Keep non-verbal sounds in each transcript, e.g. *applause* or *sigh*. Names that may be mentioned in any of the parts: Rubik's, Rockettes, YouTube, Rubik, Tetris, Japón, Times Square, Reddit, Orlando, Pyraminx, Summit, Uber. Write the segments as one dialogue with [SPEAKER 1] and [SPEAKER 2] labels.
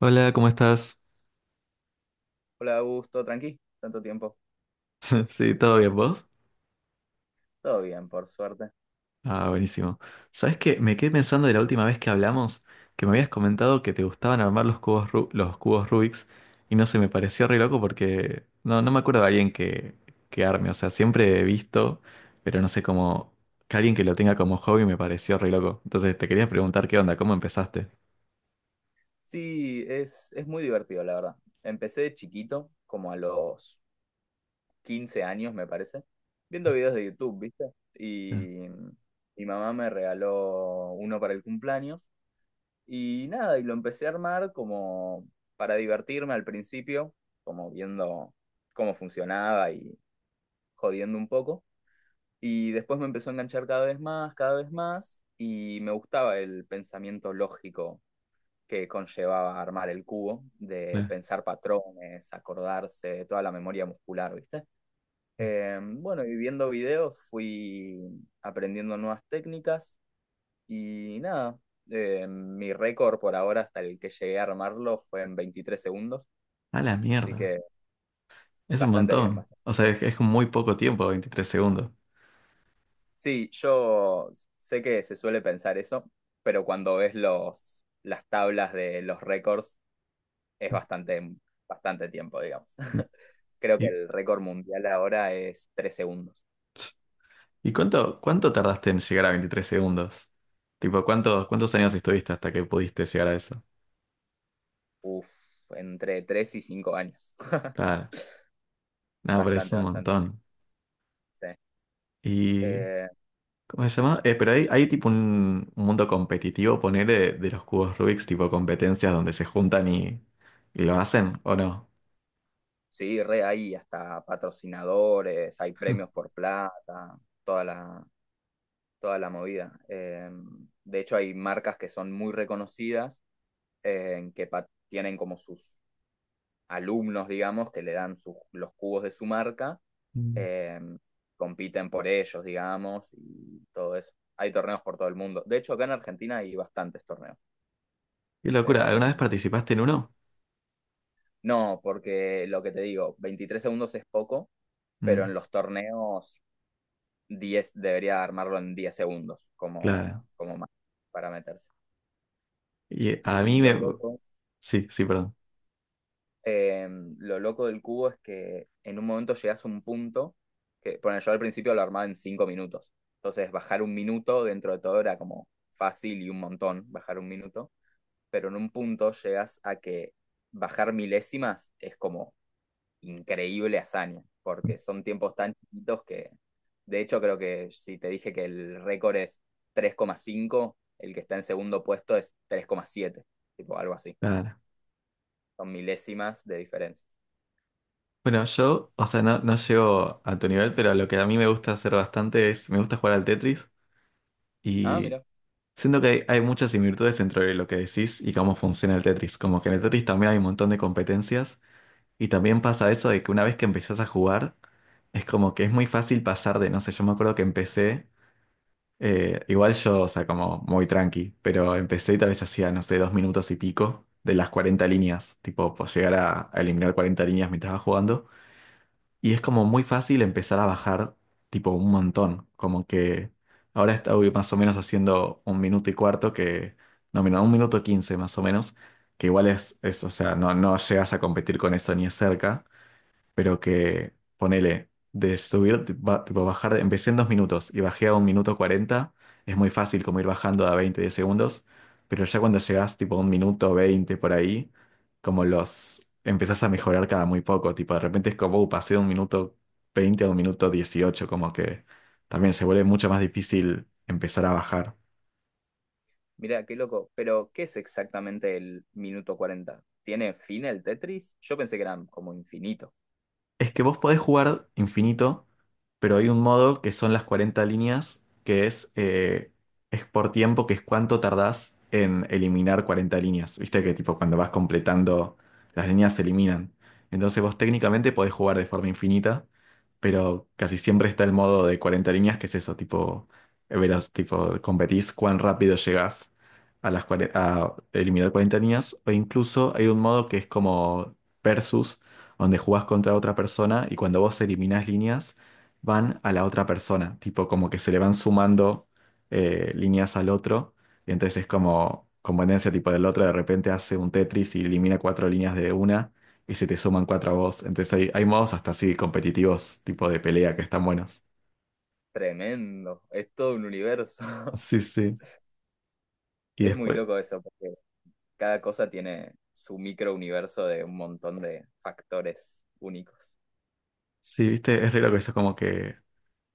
[SPEAKER 1] Hola, ¿cómo estás?
[SPEAKER 2] Hola, Augusto, tranqui, tanto tiempo.
[SPEAKER 1] *laughs* Sí, ¿todo bien vos?
[SPEAKER 2] Todo bien, por suerte.
[SPEAKER 1] Ah, buenísimo. ¿Sabes qué? Me quedé pensando de la última vez que hablamos que me habías comentado que te gustaban armar los cubos, los cubos Rubik's y no sé, me pareció re loco porque no me acuerdo de alguien que arme. O sea, siempre he visto, pero no sé cómo que alguien que lo tenga como hobby me pareció re loco. Entonces te quería preguntar qué onda, cómo empezaste.
[SPEAKER 2] Sí, es muy divertido, la verdad. Empecé de chiquito, como a los 15 años, me parece, viendo videos de YouTube, ¿viste?
[SPEAKER 1] Claro,
[SPEAKER 2] Y mi mamá me regaló uno para el cumpleaños. Y nada, y lo empecé a armar como para divertirme al principio, como viendo cómo funcionaba y jodiendo un poco. Y después me empezó a enganchar cada vez más, y me gustaba el pensamiento lógico que conllevaba armar el cubo, de
[SPEAKER 1] claro.
[SPEAKER 2] pensar patrones, acordarse, toda la memoria muscular, ¿viste? Bueno, y viendo videos fui aprendiendo nuevas técnicas y nada, mi récord por ahora hasta el que llegué a armarlo fue en 23 segundos,
[SPEAKER 1] A la
[SPEAKER 2] así
[SPEAKER 1] mierda.
[SPEAKER 2] que
[SPEAKER 1] Es un
[SPEAKER 2] bastante bien.
[SPEAKER 1] montón.
[SPEAKER 2] Bastante.
[SPEAKER 1] O sea, es muy poco tiempo, 23 segundos.
[SPEAKER 2] Sí, yo sé que se suele pensar eso, pero cuando ves las tablas de los récords es bastante, bastante tiempo, digamos. *laughs*
[SPEAKER 1] *laughs*
[SPEAKER 2] Creo que
[SPEAKER 1] Y,
[SPEAKER 2] el récord mundial ahora es 3 segundos.
[SPEAKER 1] ¿Y cuánto tardaste en llegar a 23 segundos? Tipo, ¿cuántos años estuviste hasta que pudiste llegar a eso?
[SPEAKER 2] Uf, entre 3 y 5 años. *laughs*
[SPEAKER 1] Claro, nada, pero es
[SPEAKER 2] Bastante,
[SPEAKER 1] un
[SPEAKER 2] bastante.
[SPEAKER 1] montón.
[SPEAKER 2] Sí.
[SPEAKER 1] ¿Y
[SPEAKER 2] Eh,
[SPEAKER 1] cómo se llama? Pero hay tipo un mundo competitivo, poner de los cubos Rubik's, tipo competencias donde se juntan y lo hacen, ¿o no?
[SPEAKER 2] sí, re hay hasta patrocinadores, hay premios por plata, toda la, toda la movida. De hecho, hay marcas que son muy reconocidas, que tienen como sus alumnos, digamos, que le dan los cubos de su marca,
[SPEAKER 1] Mm.
[SPEAKER 2] eh, compiten por ellos, digamos, y todo eso. Hay torneos por todo el mundo. De hecho, acá en Argentina hay bastantes torneos.
[SPEAKER 1] Qué locura,
[SPEAKER 2] Eh,
[SPEAKER 1] ¿alguna vez participaste en uno?
[SPEAKER 2] no, porque lo que te digo, 23 segundos es poco, pero
[SPEAKER 1] Mm,
[SPEAKER 2] en los torneos 10 debería armarlo en 10 segundos
[SPEAKER 1] claro.
[SPEAKER 2] como más para meterse.
[SPEAKER 1] Y a
[SPEAKER 2] Y
[SPEAKER 1] mí
[SPEAKER 2] lo
[SPEAKER 1] me.
[SPEAKER 2] loco
[SPEAKER 1] Sí, sí, perdón.
[SPEAKER 2] eh, lo loco del cubo es que en un momento llegas a un punto que, bueno, yo al principio lo armaba en 5 minutos. Entonces, bajar un minuto dentro de todo era como fácil y un montón, bajar un minuto. Pero en un punto llegas a que bajar milésimas es como increíble hazaña, porque son tiempos tan chiquitos que, de hecho, creo que si te dije que el récord es 3,5, el que está en segundo puesto es 3,7, tipo algo así.
[SPEAKER 1] Claro.
[SPEAKER 2] Son milésimas de diferencias.
[SPEAKER 1] Bueno, yo, o sea, no llego a tu nivel, pero lo que a mí me gusta hacer bastante me gusta jugar al Tetris.
[SPEAKER 2] Ah,
[SPEAKER 1] Y
[SPEAKER 2] mira.
[SPEAKER 1] siento que hay muchas similitudes entre lo que decís y cómo funciona el Tetris. Como que en el Tetris también hay un montón de competencias y también pasa eso de que una vez que empezás a jugar, es como que es muy fácil pasar de, no sé, yo me acuerdo que empecé, igual yo, o sea, como muy tranqui, pero empecé y tal vez hacía, no sé, 2 minutos y pico de las 40 líneas, tipo, pues llegar a eliminar 40 líneas mientras estaba jugando. Y es como muy fácil empezar a bajar tipo un montón. Como que ahora estoy más o menos haciendo 1:15 que. No, mira, 1:15 más o menos. Que igual o sea, no llegas a competir con eso ni es cerca, pero que ponele, de subir, tipo bajar, empecé en 2 minutos y bajé a 1:40, es muy fácil como ir bajando a 20 de segundos, pero ya cuando llegás tipo a 1:20 por ahí, como los empezás a mejorar cada muy poco, tipo de repente es como, Pasé de 1:20 a 1:18", como que también se vuelve mucho más difícil empezar a bajar.
[SPEAKER 2] Mirá, qué loco. Pero, ¿qué es exactamente el minuto 40? ¿Tiene fin el Tetris? Yo pensé que era como infinito.
[SPEAKER 1] Es que vos podés jugar infinito, pero hay un modo que son las 40 líneas, que es por tiempo, que es cuánto tardás en eliminar 40 líneas. Viste que tipo cuando vas completando, las líneas se eliminan. Entonces vos técnicamente podés jugar de forma infinita, pero casi siempre está el modo de 40 líneas, que es eso, tipo, veloz, tipo, competís cuán rápido llegás a las a eliminar 40 líneas, o incluso hay un modo que es como versus donde jugás contra otra persona y cuando vos eliminás líneas, van a la otra persona, tipo como que se le van sumando líneas al otro, y entonces es como conveniencia tipo del otro, de repente hace un Tetris y elimina 4 líneas de una y se te suman cuatro a vos, entonces hay modos hasta así competitivos, tipo de pelea, que están buenos.
[SPEAKER 2] Tremendo. Es todo un universo. *laughs*
[SPEAKER 1] Sí, sí. Y
[SPEAKER 2] Es muy
[SPEAKER 1] después,
[SPEAKER 2] loco eso, porque cada cosa tiene su micro universo de un montón de factores únicos.
[SPEAKER 1] sí, viste, es re loco eso, como que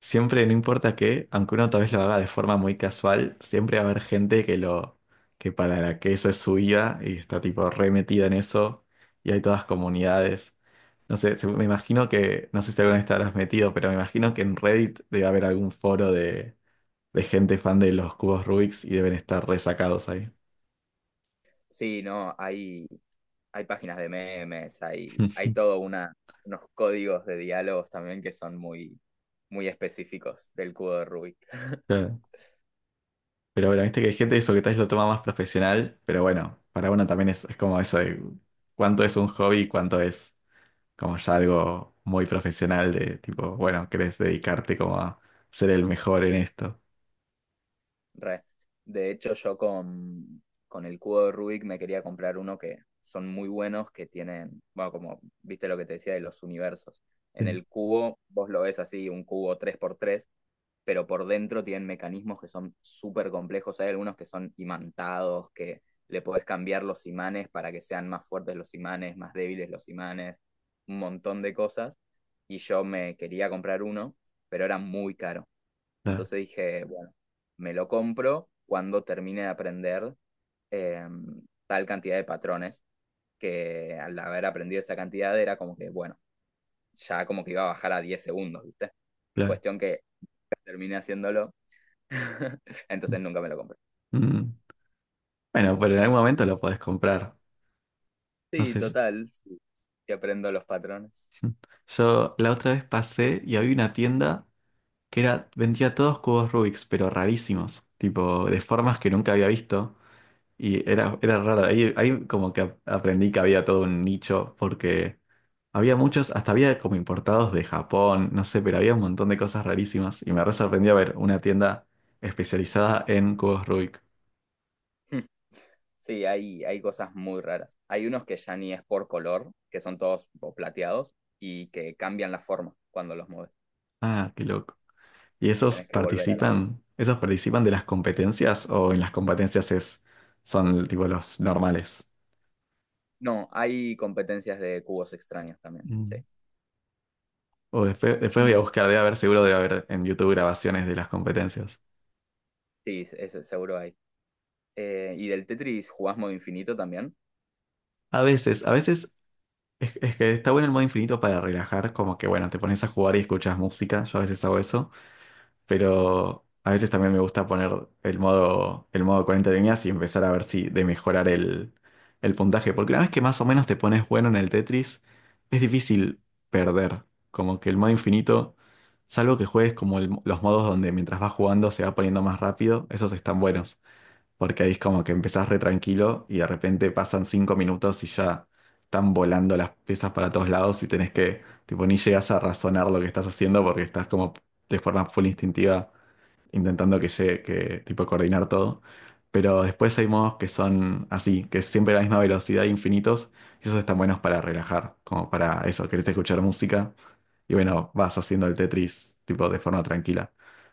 [SPEAKER 1] siempre, no importa qué, aunque uno tal vez lo haga de forma muy casual, siempre va a haber gente que para la que eso es su vida y está tipo re metida en eso y hay todas comunidades. No sé, me imagino que, no sé si alguna vez te habrás metido, pero me imagino que en Reddit debe haber algún foro de gente fan de los cubos Rubik's y deben estar resacados ahí.
[SPEAKER 2] Sí, no, hay páginas de memes, hay, hay
[SPEAKER 1] *laughs*
[SPEAKER 2] todo una, unos códigos de diálogos también que son muy, muy específicos del cubo de Rubik.
[SPEAKER 1] Claro. Pero bueno, viste que hay gente eso que tal vez lo toma más profesional, pero bueno, para uno también es como eso de cuánto es un hobby y cuánto es, como ya algo muy profesional de tipo, bueno, querés dedicarte como a ser el mejor en esto.
[SPEAKER 2] Re. De hecho, yo con el cubo de Rubik me quería comprar uno que son muy buenos, que tienen, bueno, como viste lo que te decía de los universos. En
[SPEAKER 1] Sí.
[SPEAKER 2] el cubo, vos lo ves así, un cubo 3x3, pero por dentro tienen mecanismos que son súper complejos. Hay algunos que son imantados, que le podés cambiar los imanes para que sean más fuertes los imanes, más débiles los imanes, un montón de cosas. Y yo me quería comprar uno, pero era muy caro.
[SPEAKER 1] Claro,
[SPEAKER 2] Entonces dije, bueno, me lo compro cuando termine de aprender eh, tal cantidad de patrones, que al haber aprendido esa cantidad era como que, bueno, ya como que iba a bajar a 10 segundos, ¿viste?
[SPEAKER 1] claro.
[SPEAKER 2] Cuestión que terminé haciéndolo, *laughs* entonces nunca me lo compré.
[SPEAKER 1] Mm. Bueno, pero en algún momento lo podés comprar. No
[SPEAKER 2] Sí,
[SPEAKER 1] sé, yo,
[SPEAKER 2] total, sí, que aprendo los patrones.
[SPEAKER 1] *laughs* yo la otra vez pasé y había una tienda vendía todos cubos Rubik's, pero rarísimos, tipo de formas que nunca había visto. Y era raro. Ahí como que aprendí que había todo un nicho porque había muchos, hasta había como importados de Japón, no sé, pero había un montón de cosas rarísimas y me re sorprendió ver una tienda especializada en cubos Rubik.
[SPEAKER 2] Sí, hay cosas muy raras. Hay unos que ya ni es por color, que son todos tipo, plateados y que cambian la forma cuando los mueves.
[SPEAKER 1] Ah, qué loco. ¿Y esos
[SPEAKER 2] Tenés que volver a la.
[SPEAKER 1] participan, esos participan de las competencias o en las competencias son tipo los normales?
[SPEAKER 2] No, hay competencias de cubos extraños también, sí.
[SPEAKER 1] Mm. O después voy a
[SPEAKER 2] Y
[SPEAKER 1] buscar, seguro debe haber en YouTube grabaciones de las competencias.
[SPEAKER 2] sí, ese seguro hay. Y del Tetris jugás modo infinito también.
[SPEAKER 1] A veces es que está bueno el modo infinito para relajar, como que bueno, te pones a jugar y escuchas música, yo a veces hago eso. Pero a veces también me gusta poner el modo 40 líneas y empezar a ver si de mejorar el puntaje, porque una vez que más o menos te pones bueno en el Tetris, es difícil perder, como que el modo infinito, salvo que juegues como los modos donde mientras vas jugando se va poniendo más rápido, esos están buenos, porque ahí es como que empezás re tranquilo y de repente pasan 5 minutos y ya están volando las piezas para todos lados y tenés que, tipo, ni llegas a razonar lo que estás haciendo porque estás como de forma full instintiva intentando que llegue, que tipo coordinar todo. Pero después hay modos que son así, que es siempre la misma velocidad, infinitos, y esos están buenos para relajar, como para eso, querés escuchar música, y bueno, vas haciendo el Tetris tipo de forma tranquila.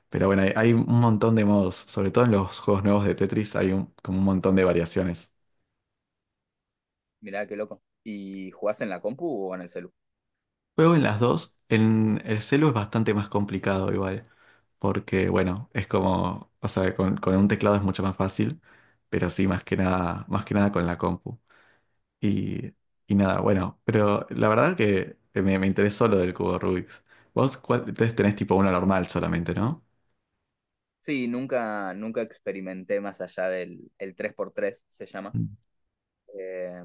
[SPEAKER 1] Pero bueno, hay un montón de modos, sobre todo en los juegos nuevos de Tetris hay como un montón de variaciones.
[SPEAKER 2] Mirá, qué loco. ¿Y jugás en la compu o en el celu?
[SPEAKER 1] Juego en las dos. En el celu es bastante más complicado igual, porque bueno, es como, o sea, con un teclado es mucho más fácil, pero sí, más que nada con la compu. Y, y nada, bueno, pero la verdad que me interesó lo del cubo Rubik's. Vos, entonces tenés tipo uno normal solamente, ¿no?
[SPEAKER 2] Sí, nunca, nunca experimenté más allá del el 3x3, se llama.
[SPEAKER 1] Mm,
[SPEAKER 2] Eh,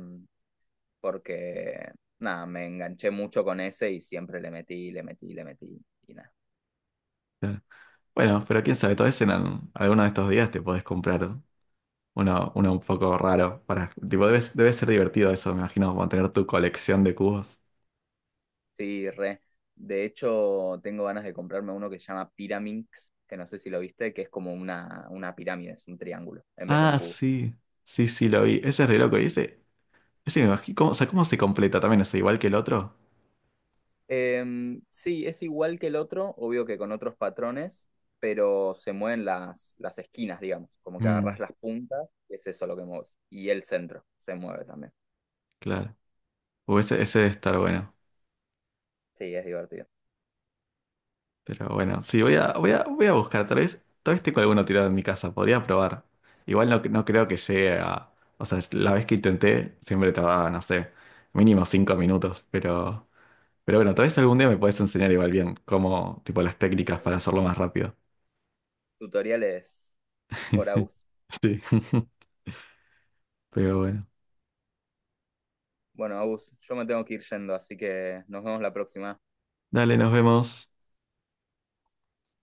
[SPEAKER 2] Porque, nada, me enganché mucho con ese y siempre le metí, le metí, le metí y nada.
[SPEAKER 1] claro. Bueno, pero quién sabe, tal vez en alguno de estos días te podés comprar uno un poco raro para, tipo, debe ser divertido eso, me imagino, mantener tu colección de cubos.
[SPEAKER 2] Sí, re. De hecho, tengo ganas de comprarme uno que se llama Pyraminx, que no sé si lo viste, que es como una pirámide, es un triángulo en vez de un
[SPEAKER 1] Ah,
[SPEAKER 2] cubo.
[SPEAKER 1] sí. Sí, sí, lo vi. Ese es re loco. Y ese me imagino. O sea, ¿cómo se completa también? ¿Es igual que el otro?
[SPEAKER 2] Sí, es igual que el otro, obvio que con otros patrones, pero se mueven las esquinas, digamos, como que
[SPEAKER 1] Mm,
[SPEAKER 2] agarras las puntas, y es eso lo que mueves. Y el centro se mueve también.
[SPEAKER 1] claro. O ese debe estar bueno.
[SPEAKER 2] Sí, es divertido.
[SPEAKER 1] Pero bueno, sí, voy a buscar. Tal vez tengo alguno tirado en mi casa. Podría probar. Igual no creo que llegue a. O sea, la vez que intenté, siempre tardaba, no sé, mínimo 5 minutos. Pero bueno, tal vez algún día me puedes enseñar igual bien cómo, tipo, las técnicas para hacerlo más rápido.
[SPEAKER 2] Tutoriales por
[SPEAKER 1] *laughs*
[SPEAKER 2] Agus.
[SPEAKER 1] Sí. *laughs* Pero bueno.
[SPEAKER 2] Bueno, Agus, yo me tengo que ir yendo, así que nos vemos la próxima.
[SPEAKER 1] Dale, nos vemos.